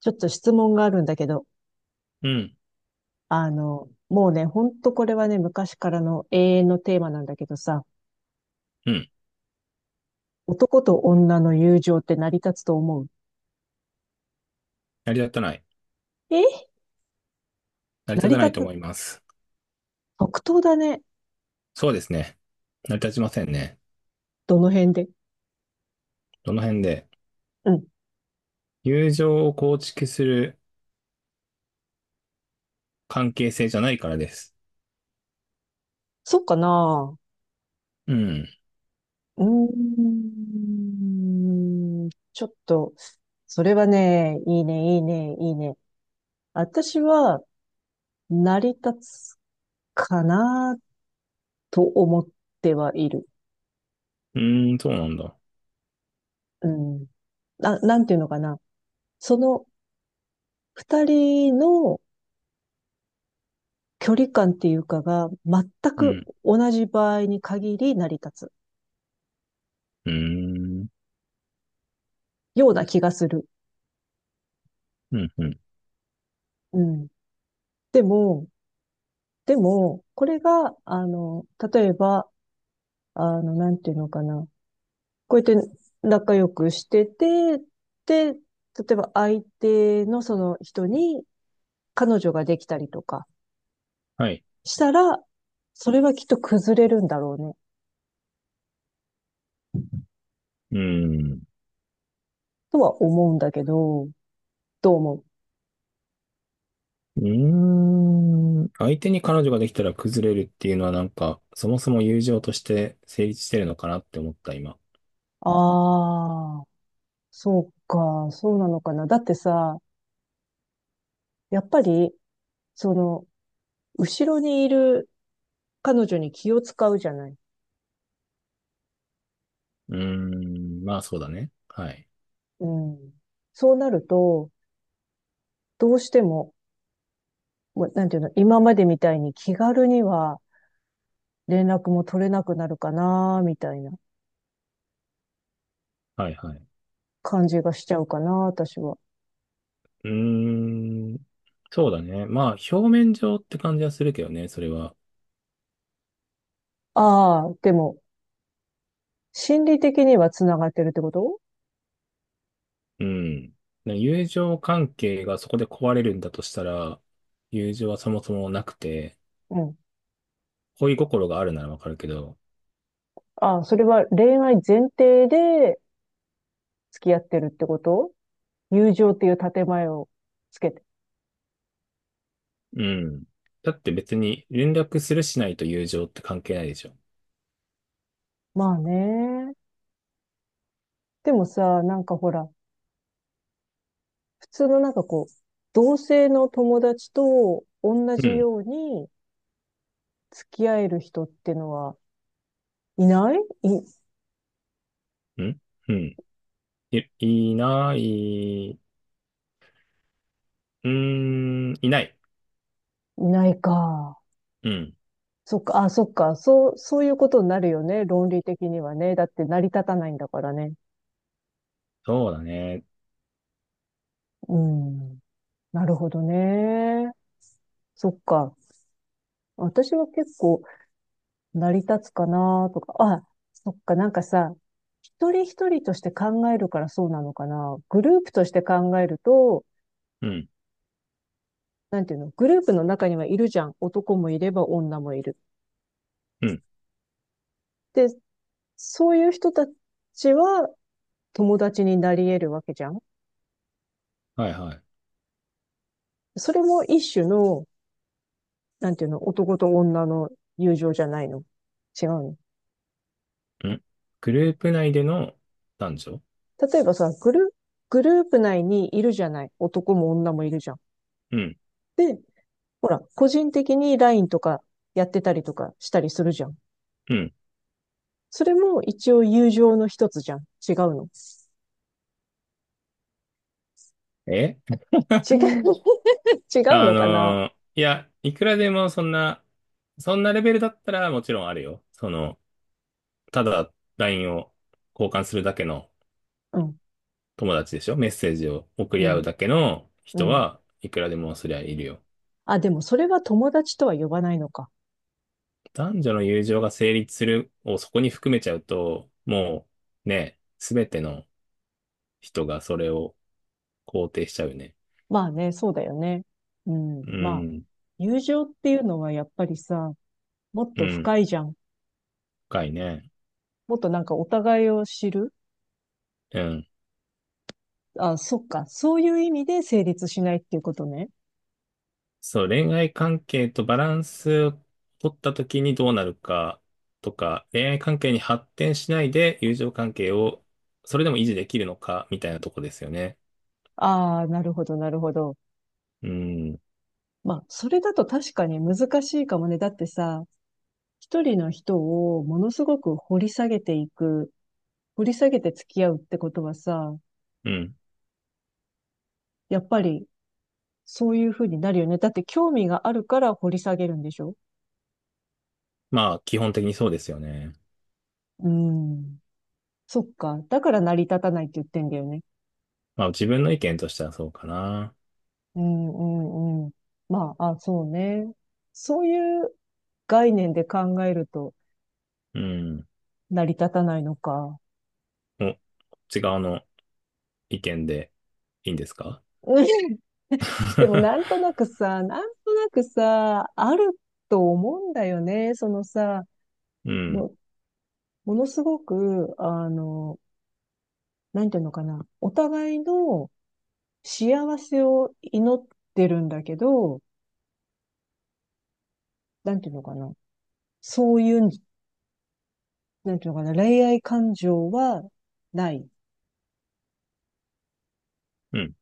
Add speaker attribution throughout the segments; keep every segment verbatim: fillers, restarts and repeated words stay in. Speaker 1: ちょっと質問があるんだけど、
Speaker 2: うん、
Speaker 1: あの、もうね、ほんとこれはね、昔からの永遠のテーマなんだけどさ、
Speaker 2: うん。
Speaker 1: 男と女の友情って成り立つと思う？
Speaker 2: 成り立たない。
Speaker 1: え、
Speaker 2: 成り
Speaker 1: 成
Speaker 2: 立
Speaker 1: り
Speaker 2: たない
Speaker 1: 立
Speaker 2: と
Speaker 1: た、
Speaker 2: 思います。
Speaker 1: 即答だね。
Speaker 2: そうですね。成り立ちませんね。
Speaker 1: どの辺で？
Speaker 2: どの辺で。
Speaker 1: うん。
Speaker 2: 友情を構築する関係性じゃないからです。
Speaker 1: そっかな？
Speaker 2: うん。
Speaker 1: うーん。ちょっと、それはね、いいね、いいね、いいね。私は、成り立つかなと思ってはいる。
Speaker 2: うーん、そうなんだ。
Speaker 1: うん。な、なんていうのかな。その二人の距離感っていうかが全
Speaker 2: う
Speaker 1: く
Speaker 2: ん。
Speaker 1: 同じ場合に限り成り立つ
Speaker 2: うーん。
Speaker 1: ような気がする。
Speaker 2: うん、うん。
Speaker 1: うん。でも、でも、これが、あの、例えば、あの、なんていうのかな。こうやって仲良くしてて、で、例えば相手のその人に彼女ができたりとか
Speaker 2: はい。
Speaker 1: したら、それはきっと崩れるんだろうね、
Speaker 2: うーん。
Speaker 1: とは思うんだけど、どう思う？
Speaker 2: うーん。相手に彼女ができたら崩れるっていうのはなんか、そもそも友情として成立してるのかなって思った、今。
Speaker 1: ああー。そうか、そうなのかな。だってさ、やっぱり、その、後ろにいる彼女に気を使うじゃない。
Speaker 2: うーん。まあ、そうだね。はい。
Speaker 1: うん。そうなると、どうしても、もうなんていうの、今までみたいに気軽には連絡も取れなくなるかな、みたいな
Speaker 2: はい、はい。
Speaker 1: 感じがしちゃうかな、私は。
Speaker 2: うーん。そうだね。まあ、表面上って感じはするけどね、それは。
Speaker 1: ああ、でも、心理的には繋がってるってこと？
Speaker 2: うん。ね友情関係がそこで壊れるんだとしたら、友情はそもそもなくて、
Speaker 1: うん。
Speaker 2: 恋心があるならわかるけど、
Speaker 1: ああ、それは恋愛前提で付き合ってるってこと？友情っていう建前をつけて。
Speaker 2: うん。だって別に連絡するしないと友情って関係ないでしょ。
Speaker 1: まあね。でもさ、なんかほら、普通のなんかこう、同性の友達と同
Speaker 2: う
Speaker 1: じ
Speaker 2: ん。
Speaker 1: ように付き合える人ってのはいない？い、
Speaker 2: うん。うん。い、いない、うーん、いない。
Speaker 1: いないか。
Speaker 2: うん。
Speaker 1: そっか、あ、そっか。そう、そういうことになるよね。論理的にはね。だって成り立たないんだからね。
Speaker 2: そうだね。
Speaker 1: うん。なるほどね。そっか。私は結構、成り立つかなとか、あ、そっか、なんかさ、一人一人として考えるからそうなのかな。グループとして考えると、
Speaker 2: うん。
Speaker 1: なんていうの、グループの中にはいるじゃん。男もいれば女もいる。
Speaker 2: うん。
Speaker 1: で、そういう人たちは友達になり得るわけじゃん。
Speaker 2: はいはい。
Speaker 1: それも一種の、なんていうの、男と女の友情じゃないの。違うの。
Speaker 2: うん。グループ内での男女。
Speaker 1: 例えばさ、グル、グループ内にいるじゃない。男も女もいるじゃん。
Speaker 2: うん。
Speaker 1: で、ほら、個人的に ライン とかやってたりとかしたりするじゃん。
Speaker 2: うん。
Speaker 1: それも一応友情の一つじゃん。違うの。
Speaker 2: え。
Speaker 1: 違う、違う
Speaker 2: あ
Speaker 1: のかな？
Speaker 2: のーいや、いくらでもそんな、そんなレベルだったらもちろんあるよ。その、ただ ライン を交換するだけの
Speaker 1: うん、
Speaker 2: 友達でしょ。メッセージを送
Speaker 1: う
Speaker 2: り合う
Speaker 1: ん、
Speaker 2: だけの
Speaker 1: う
Speaker 2: 人
Speaker 1: ん。
Speaker 2: はいくらでもそりゃいるよ。
Speaker 1: あ、でもそれは友達とは呼ばないのか。
Speaker 2: 男女の友情が成立するをそこに含めちゃうと、もうね、すべての人がそれを肯定しちゃうね。
Speaker 1: まあね、そうだよね。うん、
Speaker 2: う
Speaker 1: まあ、
Speaker 2: ん、
Speaker 1: 友情っていうのはやっぱりさ、もっ
Speaker 2: う
Speaker 1: と
Speaker 2: ん、
Speaker 1: 深いじゃん。
Speaker 2: 深いね。
Speaker 1: もっとなんかお互いを知る。
Speaker 2: うん。
Speaker 1: あ、そっか。そういう意味で成立しないっていうことね。
Speaker 2: そう、恋愛関係とバランスを取った時にどうなるかとか、恋愛関係に発展しないで友情関係をそれでも維持できるのかみたいなとこですよね。
Speaker 1: ああ、なるほど、なるほど。
Speaker 2: うん。
Speaker 1: まあ、それだと確かに難しいかもね。だってさ、一人の人をものすごく掘り下げていく、掘り下げて付き合うってことはさ、
Speaker 2: うん。
Speaker 1: やっぱりそういうふうになるよね。だって興味があるから掘り下げるんでしょ？
Speaker 2: まあ、基本的にそうですよね。
Speaker 1: うん。そっか。だから成り立たないって言ってんだよね。
Speaker 2: まあ、自分の意見としてはそうかな。
Speaker 1: うん、うん、うん。まあ、あ、そうね。そういう概念で考えると
Speaker 2: うん。
Speaker 1: 成り立たないのか。
Speaker 2: お、こっち側の意見でいいんですか？
Speaker 1: うん。でもなん となくさ、なんとなくさ、あると思うんだよね。そのさ、
Speaker 2: うん。
Speaker 1: もうものすごく、あの、なんていうのかな、お互いの幸せを祈ってるんだけど、なんていうのかな、そういう、なんていうのかな、恋愛感情はない。
Speaker 2: うん。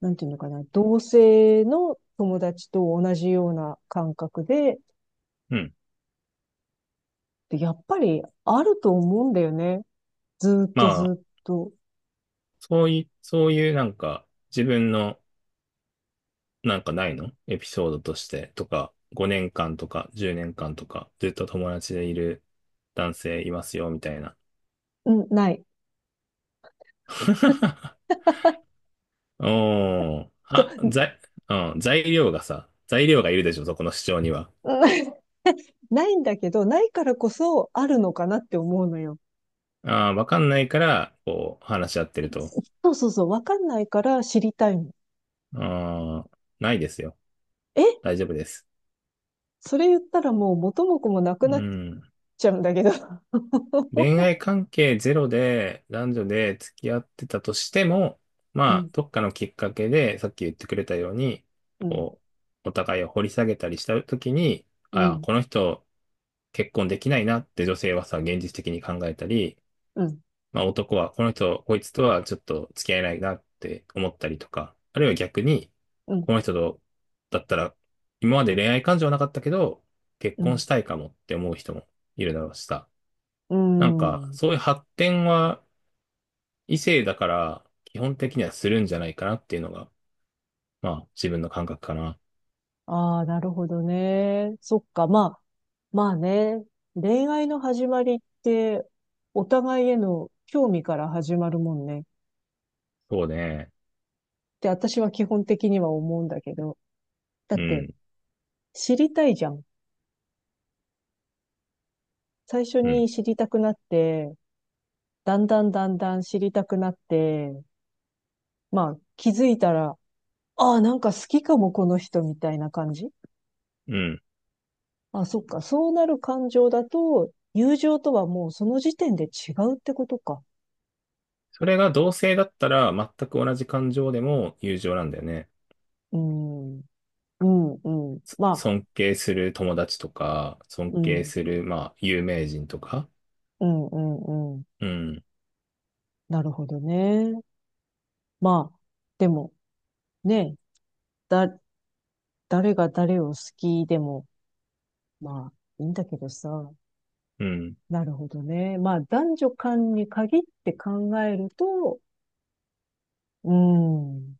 Speaker 1: なんていうのかな、同性の友達と同じような感覚で、
Speaker 2: うん。
Speaker 1: でやっぱりあると思うんだよね。ずーっ
Speaker 2: ま
Speaker 1: とずー
Speaker 2: あ、
Speaker 1: っと。
Speaker 2: そうい、そういうなんか自分のなんかないのエピソードとしてとか、ごねんかんとかじゅうねんかんとか、ずっと友達でいる男性いますよ、みたいな。
Speaker 1: うん、ない。
Speaker 2: おー、
Speaker 1: そ
Speaker 2: は、材、うん、材料がさ、材料がいるでしょ、そこの主張には。
Speaker 1: う、ない ないんだけど、ないからこそあるのかなって思うのよ。
Speaker 2: ああ、わかんないから、こう、話し合ってると。
Speaker 1: そうそうそう、わかんないから知りたいの。
Speaker 2: ああ、ないですよ。
Speaker 1: え、
Speaker 2: 大丈夫です。
Speaker 1: それ言ったらもう元も子もなく
Speaker 2: う
Speaker 1: なっ
Speaker 2: ん。
Speaker 1: ちゃうんだけど。
Speaker 2: 恋 愛関係ゼロで男女で付き合ってたとしても、
Speaker 1: う
Speaker 2: まあ、
Speaker 1: ん、
Speaker 2: どっかのきっかけで、さっき言ってくれたように、
Speaker 1: うん、
Speaker 2: こう、お互いを掘り下げたりしたときに、
Speaker 1: う
Speaker 2: ああ、
Speaker 1: ん、
Speaker 2: この人結婚できないなって女性はさ、現実的に考えたり、
Speaker 1: うん、
Speaker 2: まあ男はこの人、こいつとはちょっと付き合えないなって思ったりとか、あるいは逆に、
Speaker 1: うん、
Speaker 2: この人と、だったら、今まで恋愛感情はなかったけど、結
Speaker 1: う
Speaker 2: 婚
Speaker 1: ん、
Speaker 2: したいかもって思う人もいるだろうしさ。
Speaker 1: う
Speaker 2: なんか、
Speaker 1: ん。
Speaker 2: そういう発展は異性だから、基本的にはするんじゃないかなっていうのが、まあ、自分の感覚かな。
Speaker 1: ああ、なるほどね。そっか、まあ、まあね。恋愛の始まりって、お互いへの興味から始まるもんね。っ
Speaker 2: そうね。
Speaker 1: て私は基本的には思うんだけど。だっ
Speaker 2: う
Speaker 1: て、
Speaker 2: ん、
Speaker 1: 知りたいじゃん。最初
Speaker 2: うん、
Speaker 1: に知りたくなって、だんだんだんだん知りたくなって、まあ、気づいたら、ああ、なんか好きかも、この人みたいな感じ。
Speaker 2: うん。
Speaker 1: あ、そっか。そうなる感情だと、友情とはもうその時点で違うってことか。
Speaker 2: それが同性だったら、全く同じ感情でも友情なんだよね。
Speaker 1: うん。うん、うん。
Speaker 2: そ
Speaker 1: まあ、
Speaker 2: 尊敬する友達とか、尊
Speaker 1: う
Speaker 2: 敬
Speaker 1: ん、
Speaker 2: する、まあ、有名人とか。
Speaker 1: うん、うん、うん。
Speaker 2: うん、
Speaker 1: なるほどね。まあ、でも、ね、だ、誰が誰を好きでも、まあ、いいんだけどさ。
Speaker 2: うん、
Speaker 1: なるほどね。まあ、男女間に限って考えると、うん。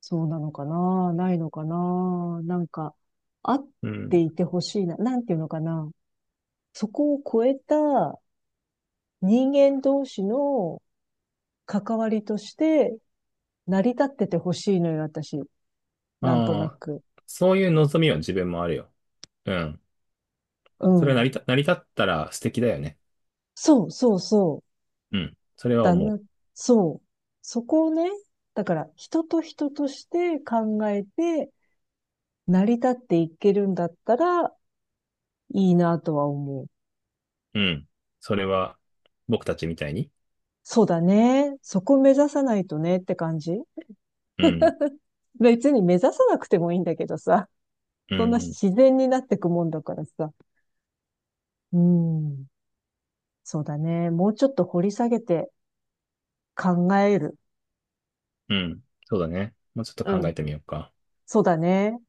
Speaker 1: そうなのかな、ないのかな、なんか、あっ
Speaker 2: う
Speaker 1: て
Speaker 2: ん。
Speaker 1: いてほしいな、なんていうのかな、そこを超えた人間同士の関わりとして成り立っててほしいのよ、私。なんとな
Speaker 2: まあ、
Speaker 1: く。
Speaker 2: そういう望みは自分もあるよ。うん。
Speaker 1: う
Speaker 2: それは成
Speaker 1: ん。
Speaker 2: り立、成り立ったら素敵だよね。
Speaker 1: そうそうそう。
Speaker 2: うん。それは
Speaker 1: だ
Speaker 2: 思う。
Speaker 1: な、そう。そこをね、だから人と人として考えて成り立っていけるんだったらいいなとは思う。
Speaker 2: うん。それは、僕たちみたいに。
Speaker 1: そうだね。そこ目指さないとねって感じ。
Speaker 2: うん。
Speaker 1: 別に目指さなくてもいいんだけどさ、
Speaker 2: う
Speaker 1: そんな
Speaker 2: ん。
Speaker 1: 自然になってくもんだからさ。うん。そうだね。もうちょっと掘り下げて考える。
Speaker 2: うん。そうだね。もうちょっと
Speaker 1: う
Speaker 2: 考え
Speaker 1: ん。
Speaker 2: てみようか。
Speaker 1: そうだね。